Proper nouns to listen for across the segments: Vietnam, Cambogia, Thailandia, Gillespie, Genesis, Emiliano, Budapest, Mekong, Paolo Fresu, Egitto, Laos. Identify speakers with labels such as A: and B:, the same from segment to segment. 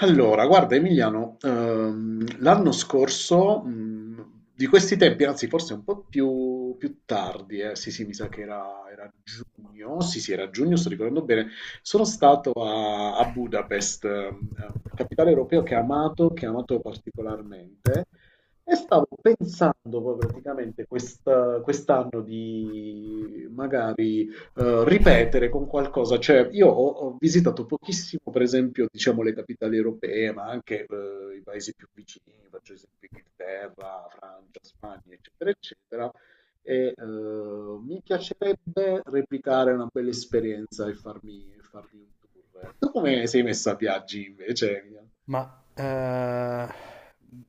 A: Allora, guarda Emiliano, l'anno scorso, di questi tempi, anzi forse un po' più tardi, sì sì, mi sa che era giugno, sì sì, era giugno, sto ricordando bene, sono stato a Budapest, capitale europeo che ho amato particolarmente, e stavo pensando poi praticamente quest'anno di magari ripetere con qualcosa. Cioè, io ho visitato pochissimo, per esempio, diciamo, le capitali europee, ma anche i paesi più vicini, faccio esempio Inghilterra, Francia, Spagna, eccetera, eccetera. Mi piacerebbe replicare una bella esperienza e farmi un tour. Tu come sei messa a viaggi invece?
B: Ma eh,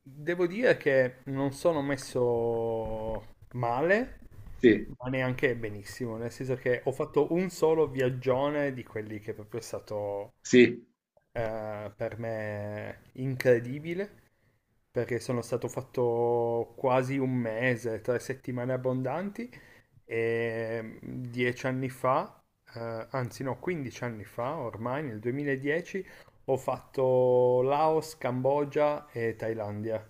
B: devo dire che non sono messo male,
A: Sì,
B: ma neanche benissimo, nel senso che ho fatto un solo viaggione di quelli che è proprio stato
A: sì.
B: per me incredibile, perché sono stato fatto quasi un mese, 3 settimane abbondanti, e 10 anni fa, anzi no, 15 anni fa, ormai nel 2010, ho fatto Laos, Cambogia e Thailandia.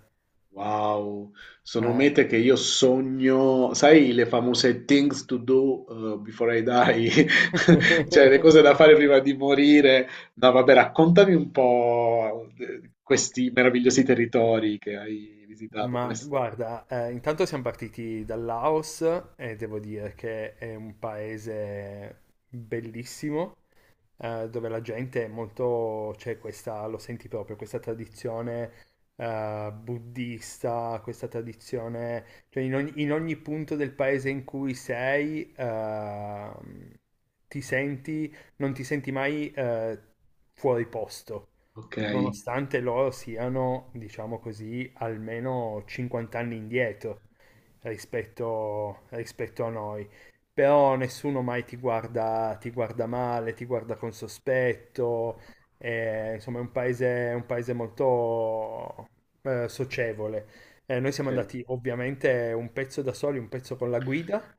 A: Wow, sono
B: Eh.
A: mete che io sogno, sai, le famose things to do before I die, cioè le cose da fare prima di morire. No, vabbè, raccontami un po' questi meravigliosi territori che hai visitato, come è
B: Ma
A: stato?
B: guarda, intanto siamo partiti dal Laos e devo dire che è un paese bellissimo, dove la gente è molto, c'è questa, lo senti proprio, questa tradizione buddista, questa tradizione, cioè in ogni punto del paese in cui sei, non ti senti mai fuori posto,
A: Ok,
B: nonostante loro siano, diciamo così, almeno 50 anni indietro rispetto a noi. Però nessuno mai ti guarda, ti guarda male, ti guarda con sospetto, insomma è un paese molto socievole. Noi siamo
A: ok,
B: andati ovviamente un pezzo da soli, un pezzo con la guida,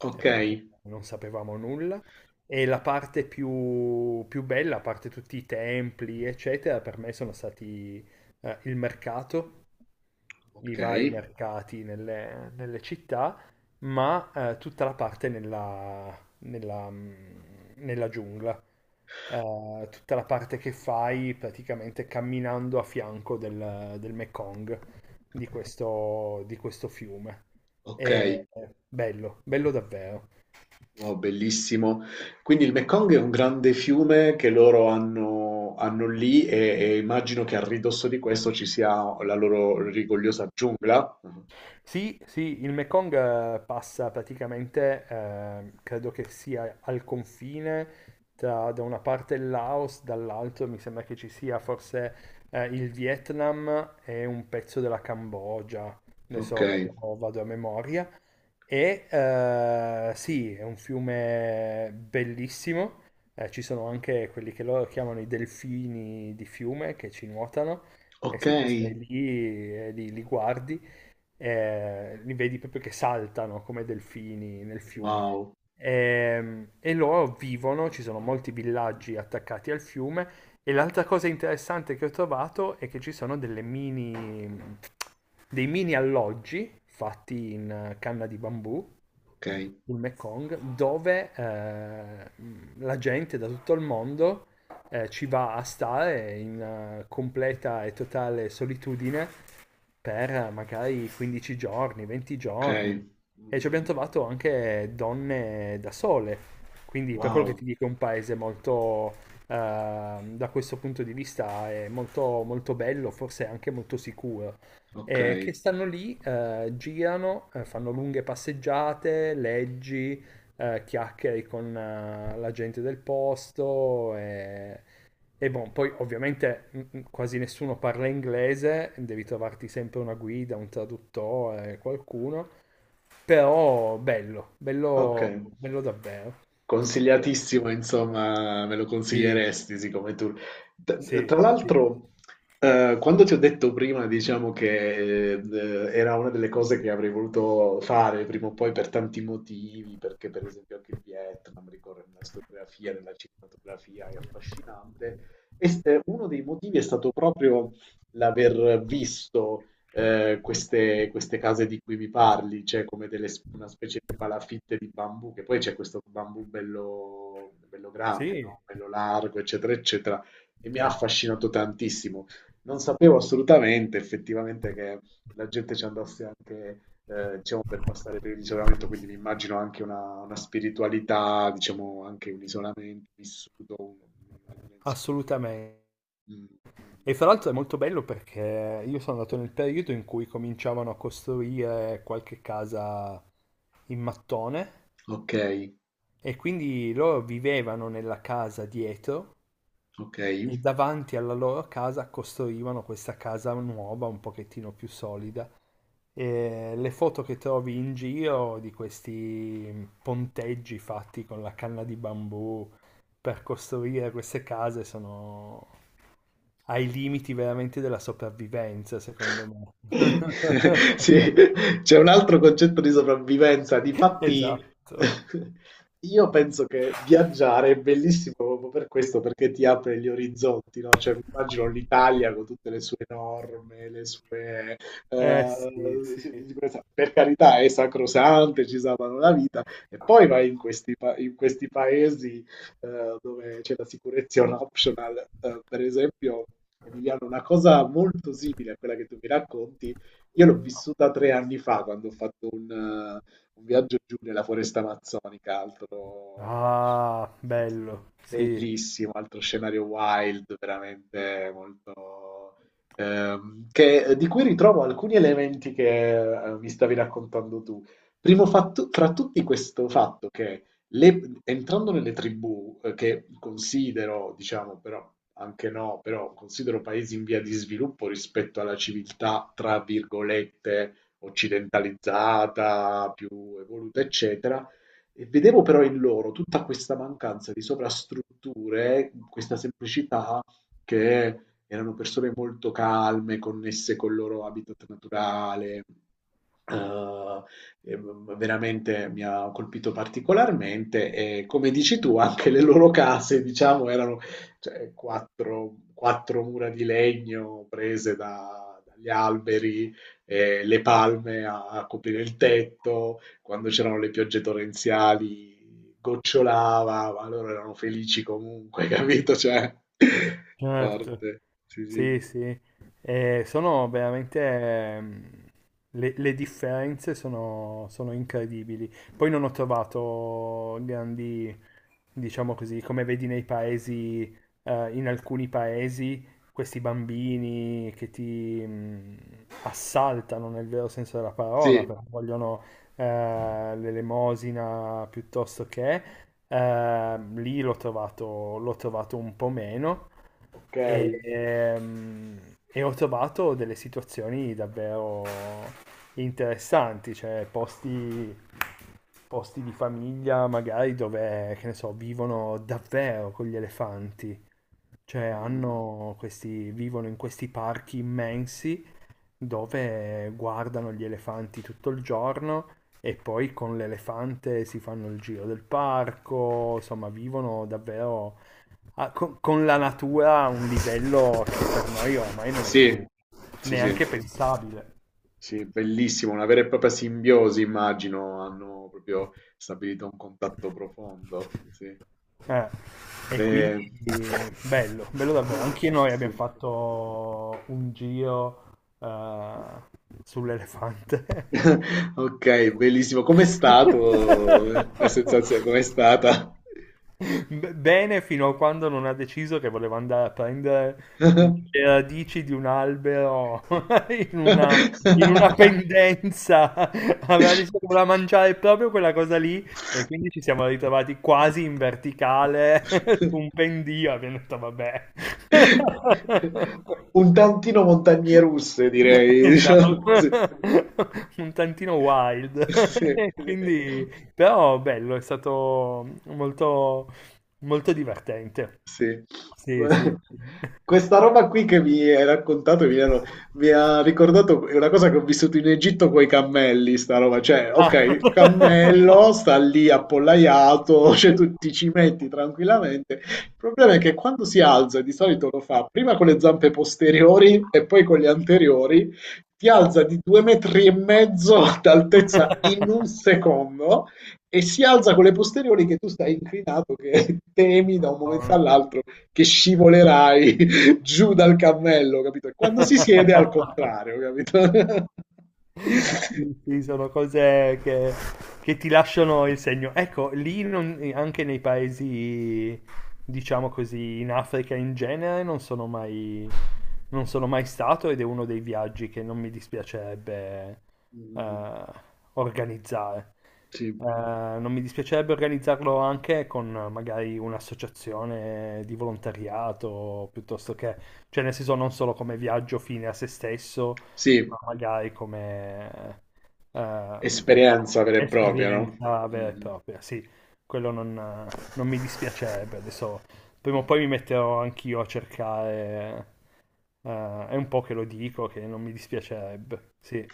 A: ok,
B: perché non sapevamo nulla. E la parte più, più bella, a parte tutti i templi, eccetera, per me sono stati il mercato, i
A: ok,
B: vari mercati nelle città, ma tutta la parte nella giungla. Tutta la parte che fai praticamente camminando a fianco del Mekong, di questo fiume.
A: ok.
B: È bello, bello davvero.
A: Wow, bellissimo. Quindi il Mekong è un grande fiume che loro hanno lì e immagino che a ridosso di questo ci sia la loro rigogliosa giungla. Mhm.
B: Sì, sì, il Mekong passa praticamente, credo che sia al confine tra da una parte il Laos, dall'altra mi sembra che ci sia forse il Vietnam e un pezzo della Cambogia,
A: Ok,
B: adesso vado a memoria. E sì, è un fiume bellissimo, ci sono anche quelli che loro chiamano i delfini di fiume che ci nuotano, e
A: ok,
B: se tu stai lì e li guardi li vedi proprio che saltano come delfini nel fiume.
A: wow,
B: E loro vivono, ci sono molti villaggi attaccati al fiume. E l'altra cosa interessante che ho trovato è che ci sono delle mini alloggi fatti in canna di bambù
A: ok,
B: sul Mekong, dove la gente da tutto il mondo ci va a stare in completa e totale solitudine per magari 15 giorni, 20
A: ok,
B: giorni, e ci abbiamo
A: mm,
B: trovato anche donne da sole. Quindi, per quello che
A: wow,
B: ti dico, è un paese molto, da questo punto di vista, è molto, molto bello, forse anche molto sicuro,
A: ok,
B: che stanno lì, girano, fanno lunghe passeggiate, leggi, chiacchiere con la gente del posto, e boh, poi ovviamente quasi nessuno parla inglese, devi trovarti sempre una guida, un traduttore, qualcuno, però bello,
A: ok.
B: bello, bello davvero. Eh,
A: Consigliatissimo, insomma, me lo
B: sì,
A: consiglieresti siccome tu.
B: sì,
A: Tra
B: sì,
A: l'altro, quando ti ho detto prima, diciamo che era una delle cose che avrei voluto fare prima o poi per tanti motivi, perché per esempio anche il Vietnam ricorre nella storiografia, nella cinematografia, è affascinante. Uno dei motivi è stato proprio l'aver visto queste case di cui mi parli, cioè come delle, una specie di palafitte di bambù, che poi c'è questo bambù bello, bello grande,
B: sì,
A: no? Bello largo, eccetera, eccetera, e mi ha affascinato tantissimo. Non sapevo assolutamente, effettivamente, che la gente ci andasse anche, diciamo, per passare per l'isolamento, quindi mi immagino anche una spiritualità, diciamo, anche un isolamento vissuto in una dimensione più...
B: assolutamente.
A: Mm, mm.
B: E fra l'altro è molto bello perché io sono andato nel periodo in cui cominciavano a costruire qualche casa in mattone,
A: Ok,
B: e quindi loro vivevano nella casa dietro
A: ok.
B: e davanti alla loro casa costruivano questa casa nuova, un pochettino più solida. E le foto che trovi in giro di questi ponteggi fatti con la canna di bambù per costruire queste case sono ai limiti veramente della sopravvivenza, secondo me.
A: Sì, c'è un altro concetto di sopravvivenza. Difatti,
B: Esatto.
A: io penso che viaggiare è bellissimo proprio per questo, perché ti apre gli orizzonti, no? Cioè, mi immagino l'Italia con tutte le sue norme, le sue...
B: Eh sì, sì.
A: sì, di sicurezza. Per carità, è sacrosante, ci salvano la vita. E poi vai in questi paesi dove c'è la sicurezza è un optional. Per esempio, Emiliano, una cosa molto simile a quella che tu mi racconti, io l'ho vissuta tre anni fa quando ho fatto un viaggio giù nella foresta amazzonica, altro
B: Ah,
A: sì, sì,
B: bello, sì,
A: bellissimo, altro scenario wild, veramente molto... di cui ritrovo alcuni elementi che mi stavi raccontando tu. Primo fatto, fra tutti questo fatto che le entrando nelle tribù, che considero, diciamo, però anche no, però considero paesi in via di sviluppo rispetto alla civiltà, tra virgolette, occidentalizzata, più evoluta, eccetera, e vedevo però in loro tutta questa mancanza di sovrastrutture, questa semplicità che erano persone molto calme, connesse col loro habitat naturale. eh, eh, Veramente mi ha colpito particolarmente e come dici tu anche le loro case diciamo erano cioè, quattro mura di legno prese dagli alberi le palme a coprire il tetto quando c'erano le piogge torrenziali gocciolava ma loro erano felici comunque capito cioè
B: certo.
A: forte sì
B: Sì,
A: sì
B: sì. Sono veramente le differenze sono incredibili. Poi non ho trovato grandi, diciamo così, come vedi nei paesi, in alcuni paesi, questi bambini che ti assaltano nel vero senso della parola,
A: sì
B: perché vogliono eh, l'elemosina, piuttosto che, lì l'ho trovato un po' meno.
A: ok.
B: E e ho trovato delle situazioni davvero interessanti, cioè posti, posti di famiglia magari dove, che ne so, vivono davvero con gli elefanti, cioè
A: Mm.
B: hanno questi, vivono in questi parchi immensi dove guardano gli elefanti tutto il giorno, e poi con l'elefante si fanno il giro del parco, insomma, vivono davvero con la natura a un livello che per noi ormai non è più
A: Sì sì sì.
B: neanche pensabile.
A: Sì, bellissimo, una vera e propria simbiosi, immagino, hanno proprio stabilito un contatto profondo, sì.
B: Eh, E
A: Eh,
B: quindi bello, bello davvero.
A: mm,
B: Anche noi abbiamo
A: sì.
B: fatto un giro eh, sull'elefante.
A: Ok, bellissimo. Com'è stato la sensazione? Com'è stata?
B: Bene, fino a quando non ha deciso che voleva andare a prendere le radici di un albero in una, in una pendenza. Aveva deciso che voleva mangiare proprio quella cosa lì e quindi ci siamo ritrovati quasi in verticale su un pendio. Abbiamo detto, vabbè.
A: Un tantino montagne russe, direi,
B: Esatto,
A: diciamo. Sì,
B: un tantino wild,
A: sì, sì.
B: quindi però bello, è stato molto, molto divertente.
A: Sì. Gua
B: Sì, sì, sì.
A: questa roba qui che mi hai raccontato mi ha ricordato una cosa che ho vissuto in Egitto coi cammelli, sta roba. Cioè, okay, il
B: Ah.
A: cammello sta lì appollaiato, cioè tu ti ci metti tranquillamente. Il problema è che quando si alza, di solito lo fa prima con le zampe posteriori e poi con le anteriori, ti alza di 2 metri e mezzo d'altezza in 1 secondo e si alza con le posteriori che tu stai inclinato, che temi da un momento
B: No.
A: all'altro che scivolerai giù dal cammello, capito? E quando si siede è al contrario, capito?
B: Sì, sì,
A: Quindi,
B: sono cose che ti lasciano il segno. Ecco, lì anche nei paesi, diciamo così, in Africa in genere, non sono mai stato, ed è uno dei viaggi che non mi dispiacerebbe
A: mm,
B: eh, organizzare.
A: sì.
B: Eh, Non mi dispiacerebbe organizzarlo anche con magari un'associazione di volontariato, piuttosto che, cioè nel senso non solo come viaggio fine a se stesso,
A: Sì,
B: ma magari come
A: esperienza vera e propria, no?
B: esperienza vera e
A: Mm.
B: propria, sì, quello non mi dispiacerebbe. Adesso prima o poi mi metterò anch'io a cercare, è un po' che lo dico che non mi dispiacerebbe, sì,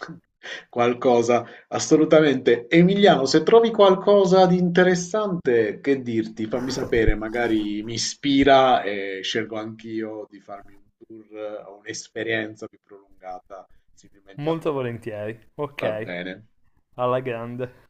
A: Qualcosa, assolutamente. Emiliano, se trovi qualcosa di interessante, che dirti? Fammi sapere, magari mi ispira e scelgo anch'io di farmi un tour o un'esperienza più prolungata, similmente a te.
B: molto volentieri,
A: Va
B: ok,
A: bene.
B: alla grande.